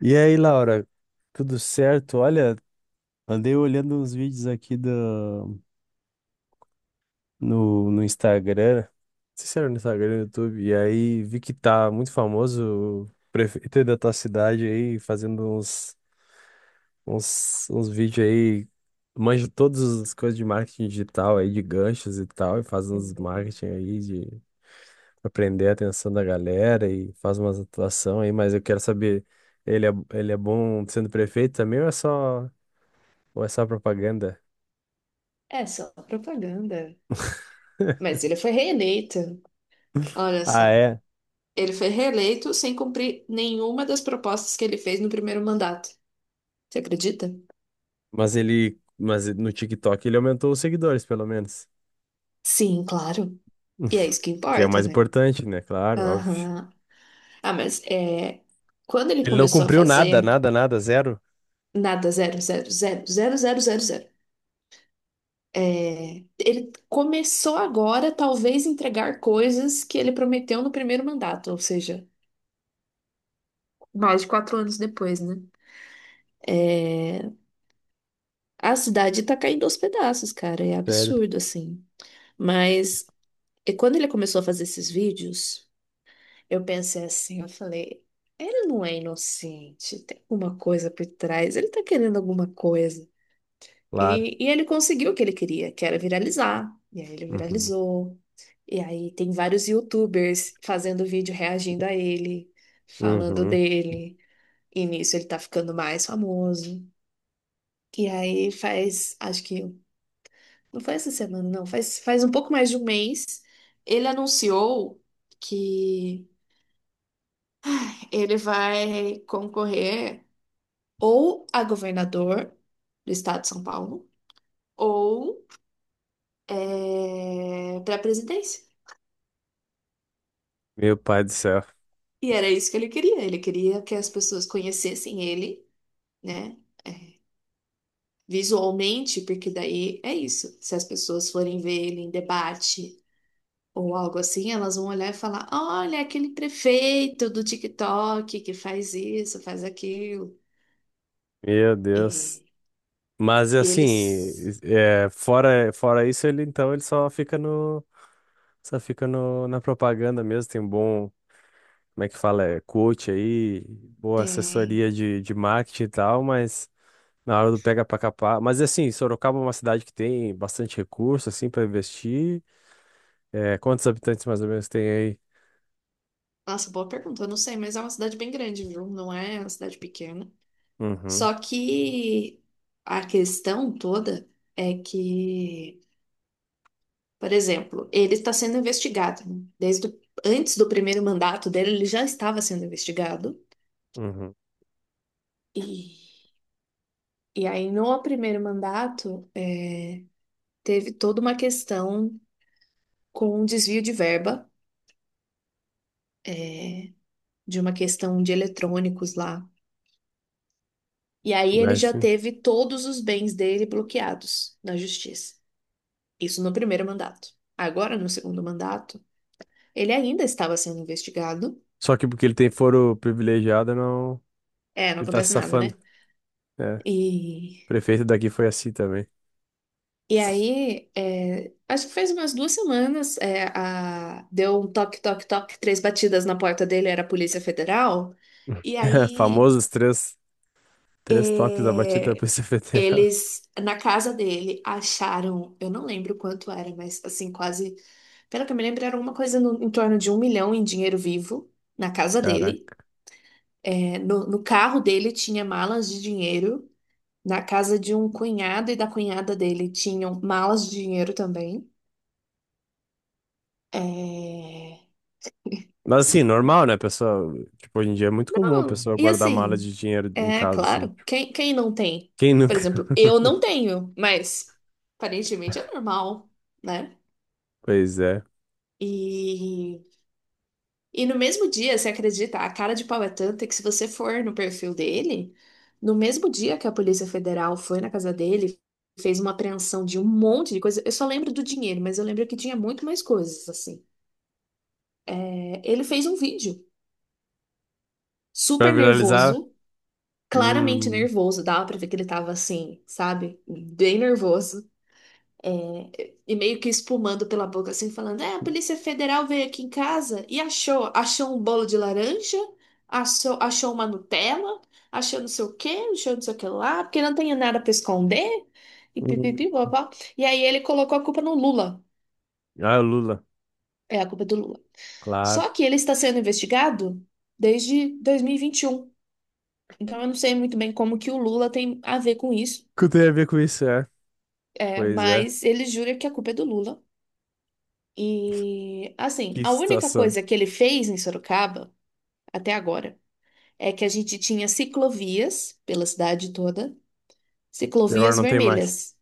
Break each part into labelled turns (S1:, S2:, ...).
S1: E aí, Laura, tudo certo? Olha, andei olhando uns vídeos aqui no Instagram, não sei se era no Instagram, no YouTube, e aí vi que tá muito famoso o prefeito aí da tua cidade aí, fazendo uns vídeos aí, manja todas as coisas de marketing digital aí, de ganchos e tal, e faz
S2: É
S1: uns marketing aí de pra prender a atenção da galera e faz umas atuação aí, mas eu quero saber, ele é bom sendo prefeito também ou é só... Ou é só propaganda?
S2: é só propaganda. Mas ele foi reeleito. Olha
S1: Ah,
S2: só.
S1: é?
S2: Ele foi reeleito sem cumprir nenhuma das propostas que ele fez no primeiro mandato. Você acredita?
S1: Mas no TikTok ele aumentou os seguidores, pelo menos.
S2: Sim, claro. E é isso que
S1: Que é o
S2: importa,
S1: mais
S2: né?
S1: importante, né? Claro, óbvio.
S2: Aham. Ah, mas é, quando ele
S1: Ele não
S2: começou a
S1: cumpriu nada,
S2: fazer
S1: nada, nada, zero?
S2: nada, zero, zero, zero, zero, zero, zero, zero, é, ele começou agora, talvez, entregar coisas que ele prometeu no primeiro mandato, ou seja, mais de 4 anos depois, né? É, a cidade tá caindo aos pedaços, cara. É
S1: Sério,
S2: absurdo, assim. Mas e quando ele começou a fazer esses vídeos, eu pensei assim, eu falei, ele não é inocente, tem alguma coisa por trás, ele tá querendo alguma coisa.
S1: claro.
S2: E ele conseguiu o que ele queria, que era viralizar. E aí ele
S1: Uhum.
S2: viralizou. E aí tem vários YouTubers fazendo vídeo reagindo a ele, falando
S1: Uhum.
S2: dele. E nisso ele tá ficando mais famoso. E aí faz, acho que não foi essa semana, não. Faz um pouco mais de um mês. Ele anunciou que ele vai concorrer ou a governador do estado de São Paulo ou para a presidência.
S1: Meu pai do céu.
S2: E era isso que ele queria. Ele queria que as pessoas conhecessem ele, né? É, visualmente, porque daí é isso. Se as pessoas forem ver ele em debate ou algo assim, elas vão olhar e falar: olha, aquele prefeito do TikTok que faz isso, faz aquilo.
S1: Meu Deus.
S2: E,
S1: Mas
S2: e
S1: assim,
S2: eles
S1: é, fora isso, ele então ele só fica no, na propaganda mesmo. Tem um bom, como é que fala? É, coach aí, boa
S2: têm.
S1: assessoria de marketing e tal, mas. Na hora do pega pra capar. Mas assim, Sorocaba é uma cidade que tem bastante recurso, assim, para investir. É, quantos habitantes mais ou menos tem aí?
S2: Nossa, boa pergunta, eu não sei, mas é uma cidade bem grande, viu? Não é uma cidade pequena.
S1: Uhum,
S2: Só que a questão toda é que, por exemplo, ele está sendo investigado, né? Desde antes do primeiro mandato dele, ele já estava sendo investigado.
S1: uhum.
S2: E, e aí, no primeiro mandato, teve toda uma questão com um desvio de verba, é, de uma questão de eletrônicos lá. E aí ele já
S1: Mexe.
S2: teve todos os bens dele bloqueados na justiça. Isso no primeiro mandato. Agora, no segundo mandato, ele ainda estava sendo investigado.
S1: Só que porque ele tem foro privilegiado, não.
S2: É, não
S1: Ele tá se
S2: acontece nada,
S1: safando.
S2: né?
S1: É. O
S2: E,
S1: prefeito daqui foi assim também.
S2: e aí, é, acho que faz umas 2 semanas, é, a, deu um toque, toque, toque, três batidas na porta dele, era a Polícia Federal. E aí
S1: Famosos três toques da batida da
S2: é,
S1: Polícia Federal.
S2: eles, na casa dele, acharam, eu não lembro quanto era, mas assim, quase, pelo que eu me lembro, era uma coisa em torno de um milhão em dinheiro vivo na casa dele.
S1: Caraca.
S2: É, no carro dele tinha malas de dinheiro. Na casa de um cunhado e da cunhada dele tinham malas de dinheiro também. É,
S1: Mas assim, normal, né, pessoal? Tipo, hoje em dia é muito comum a
S2: não,
S1: pessoa
S2: e
S1: guardar mala
S2: assim,
S1: de dinheiro em
S2: é
S1: casa, assim.
S2: claro, quem não tem?
S1: Quem
S2: Por
S1: nunca?
S2: exemplo, eu não tenho, mas aparentemente é normal, né?
S1: Pois é.
S2: E, e no mesmo dia, você acredita, a cara de pau é tanta que se você for no perfil dele, no mesmo dia que a Polícia Federal foi na casa dele, fez uma apreensão de um monte de coisa. Eu só lembro do dinheiro, mas eu lembro que tinha muito mais coisas, assim. É, ele fez um vídeo
S1: Pra
S2: super
S1: viralizar.
S2: nervoso, claramente
S1: Hum.
S2: nervoso, dava pra ver que ele tava assim, sabe? Bem nervoso. E meio que espumando pela boca, assim, falando: É, a Polícia Federal veio aqui em casa e achou um bolo de laranja, achou uma Nutella, achou não sei o quê, achou não sei o que lá, porque não tem nada pra esconder. E
S1: Hum.
S2: pipipi, bobó. E aí ele colocou a culpa no Lula.
S1: Ah, o Lula,
S2: É, a culpa é do Lula.
S1: claro.
S2: Só que ele está sendo investigado desde 2021. Então eu não sei muito bem como que o Lula tem a ver com isso,
S1: O que tem a ver com isso, é?
S2: é,
S1: Pois é,
S2: mas ele jura que a culpa é do Lula. E, assim,
S1: que
S2: a única
S1: situação.
S2: coisa que ele fez em Sorocaba, até agora, é que a gente tinha ciclovias pela cidade toda,
S1: E agora
S2: ciclovias
S1: não tem mais.
S2: vermelhas.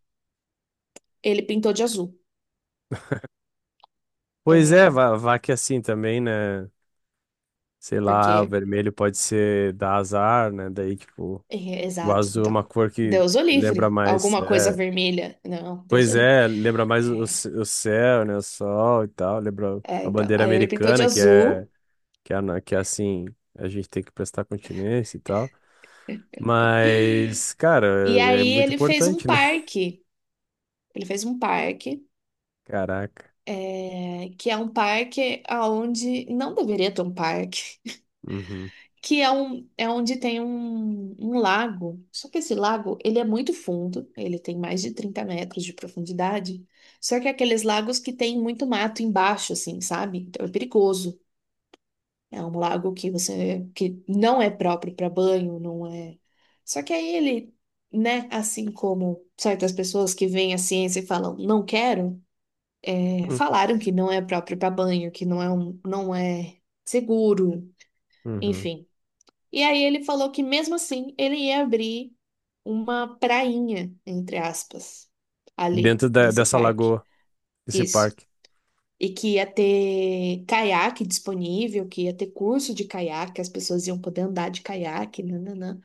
S2: Ele pintou de azul.
S1: Pois é,
S2: É,
S1: vá, vá que assim também, né? Sei lá, o
S2: porque,
S1: vermelho pode ser dar azar, né? Daí, tipo,
S2: é,
S1: o
S2: exato.
S1: azul é
S2: Então,
S1: uma cor que
S2: Deus o
S1: lembra
S2: livre.
S1: mais.
S2: Alguma coisa
S1: É,
S2: vermelha. Não, Deus o
S1: pois
S2: livre.
S1: é, lembra mais o,
S2: É,
S1: c- o céu, né? O sol e tal. Lembra
S2: é,
S1: a
S2: então.
S1: bandeira
S2: Aí ele pintou de
S1: americana, que é,
S2: azul.
S1: que é, na- que é assim, a gente tem que prestar continência e tal. Mas, cara,
S2: E
S1: é
S2: aí
S1: muito
S2: ele fez um
S1: importante, né?
S2: parque. Ele fez um parque.
S1: Caraca.
S2: É, que é um parque aonde não deveria ter um parque.
S1: Uhum.
S2: Que é, um, é onde tem um lago. Só que esse lago, ele é muito fundo, ele tem mais de 30 metros de profundidade. Só que é aqueles lagos que tem muito mato embaixo, assim, sabe? Então é perigoso. É um lago que você, que não é próprio para banho, não é. Só que aí ele, né, assim como certas pessoas que veem a ciência e falam, não quero, é,
S1: Hum,
S2: falaram que não é próprio para banho, que não é um, não é seguro,
S1: uhum.
S2: enfim. E aí ele falou que mesmo assim ele ia abrir uma prainha, entre aspas, ali
S1: Dentro da-
S2: nesse
S1: dessa
S2: parque.
S1: lagoa, desse
S2: Isso.
S1: parque.
S2: E que ia ter caiaque disponível, que ia ter curso de caiaque, as pessoas iam poder andar de caiaque, nananã.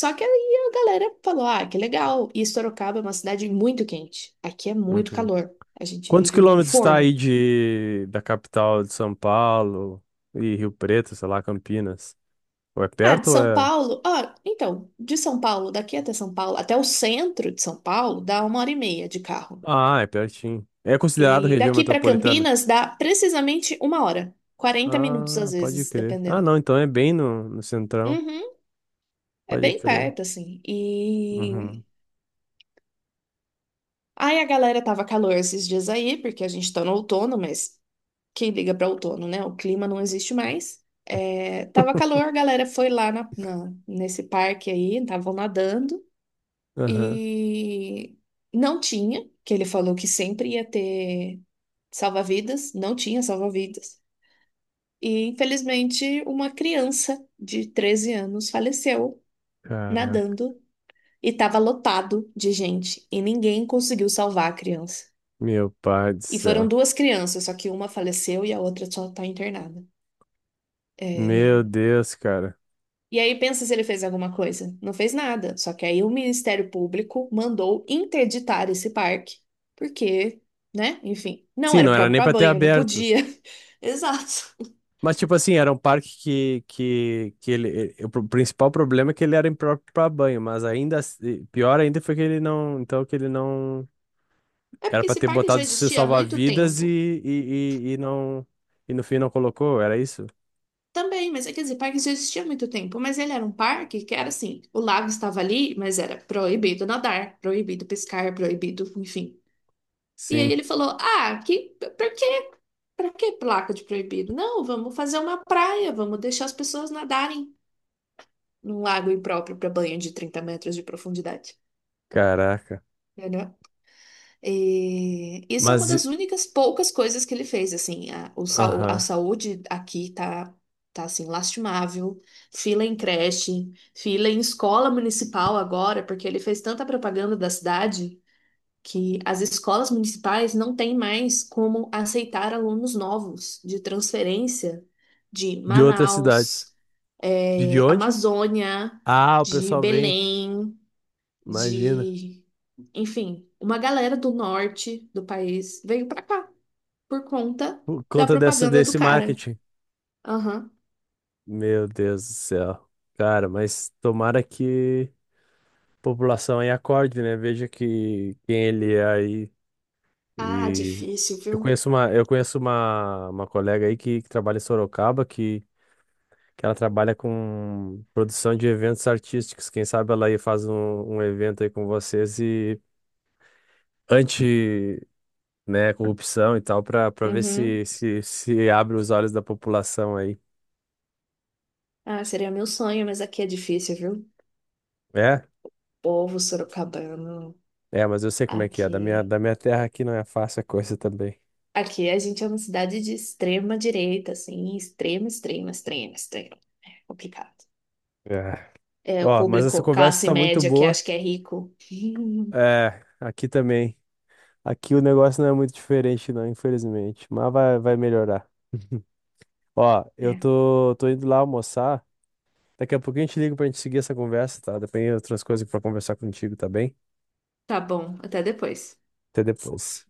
S2: Só que aí a galera falou: ah, que legal. E Sorocaba é uma cidade muito quente. Aqui é muito
S1: Uhum.
S2: calor. A gente
S1: Quantos
S2: vive num
S1: quilômetros está
S2: forno.
S1: aí de, da capital de São Paulo e Rio Preto, sei lá, Campinas? Ou é
S2: Ah, de
S1: perto ou
S2: São
S1: é.
S2: Paulo? Ó, então, de São Paulo, daqui até São Paulo, até o centro de São Paulo, dá uma hora e meia de carro.
S1: Ah, é pertinho. É considerado
S2: E
S1: região
S2: daqui para
S1: metropolitana?
S2: Campinas dá precisamente uma hora, 40 minutos
S1: Ah,
S2: às
S1: pode
S2: vezes,
S1: crer. Ah,
S2: dependendo.
S1: não, então é bem no, no centrão.
S2: Uhum, é
S1: Pode
S2: bem
S1: crer.
S2: perto, assim. E
S1: Uhum.
S2: aí a galera tava calor esses dias aí, porque a gente tá no outono, mas quem liga pra outono, né? O clima não existe mais. É, tava calor, a galera foi lá nesse parque aí, estavam nadando
S1: Aham.
S2: e não tinha, que ele falou que sempre ia ter salva-vidas, não tinha salva-vidas. E, infelizmente, uma criança de 13 anos faleceu
S1: Caraca.
S2: nadando e estava lotado de gente e ninguém conseguiu salvar a criança.
S1: Meu pai do
S2: E foram
S1: céu.
S2: duas crianças, só que uma faleceu e a outra só está internada.
S1: Meu
S2: É,
S1: Deus, cara.
S2: e aí pensa se ele fez alguma coisa. Não fez nada. Só que aí o Ministério Público mandou interditar esse parque, porque, né? Enfim, não
S1: Sim,
S2: era
S1: não era
S2: próprio
S1: nem
S2: para
S1: pra ter
S2: banho, não
S1: aberto.
S2: podia. Exato.
S1: Mas, tipo assim, era um parque que ele, ele- o pro- principal problema é que ele era impróprio pra banho, mas ainda, assim- pior ainda foi que ele não, então que ele não,
S2: É
S1: era
S2: porque
S1: pra
S2: esse
S1: ter
S2: parque já
S1: botado seu
S2: existia há muito
S1: salva-vidas e,
S2: tempo.
S1: e, e, e não, e no fim não colocou, era isso?
S2: Também, mas é, quer dizer, parque já existia há muito tempo, mas ele era um parque que era assim, o lago estava ali, mas era proibido nadar, proibido pescar, proibido, enfim. E aí
S1: Sim,
S2: ele falou: "Ah, que por quê? Pra que placa de proibido? Não, vamos fazer uma praia, vamos deixar as pessoas nadarem num lago impróprio para banho de 30 metros de profundidade."
S1: caraca.
S2: E isso é uma
S1: Mas, e-
S2: das únicas poucas coisas que ele fez, assim, a, o, a
S1: aham,
S2: saúde aqui tá, assim, lastimável, fila em creche, fila em escola municipal agora, porque ele fez tanta propaganda da cidade que as escolas municipais não têm mais como aceitar alunos novos de transferência de
S1: de outras
S2: Manaus,
S1: cidades. De onde?
S2: Amazônia,
S1: Ah, o
S2: de
S1: pessoal vem,
S2: Belém,
S1: imagina,
S2: de, enfim, uma galera do norte do país veio pra cá por conta
S1: por
S2: da
S1: conta dessa,
S2: propaganda do
S1: desse
S2: cara.
S1: marketing.
S2: Aham.
S1: Meu Deus do céu. Cara, mas tomara que a população aí acorde, né? Veja que quem ele é aí.
S2: Ah,
S1: E
S2: difícil,
S1: eu
S2: viu?
S1: conheço uma, eu conheço uma, uma colega aí que trabalha em Sorocaba, que ela trabalha com produção de eventos artísticos. Quem sabe ela aí faz um, um evento aí com vocês e anti, né, corrupção e tal, para ver se,
S2: Uhum.
S1: se, se abre os olhos da população aí.
S2: Ah, seria meu sonho, mas aqui é difícil, viu?
S1: É?
S2: Povo sorocabano,
S1: É, mas eu sei como é que é.
S2: aqui.
S1: Da minha terra aqui não é fácil a coisa também.
S2: Aqui a gente é uma cidade de extrema direita, assim, extrema, extrema, extrema, extrema. É complicado.
S1: É.
S2: É, o
S1: Ó, mas essa
S2: público
S1: conversa
S2: classe
S1: tá muito
S2: média que
S1: boa.
S2: acha que é rico.
S1: É, aqui também. Aqui o negócio não é muito diferente, não, infelizmente. Mas vai, vai melhorar. Ó, eu
S2: É.
S1: tô, tô indo lá almoçar. Daqui a pouquinho eu te ligo pra gente seguir essa conversa, tá? Depois tem outras coisas pra conversar contigo, tá bem?
S2: Tá bom, até depois.
S1: Até depois.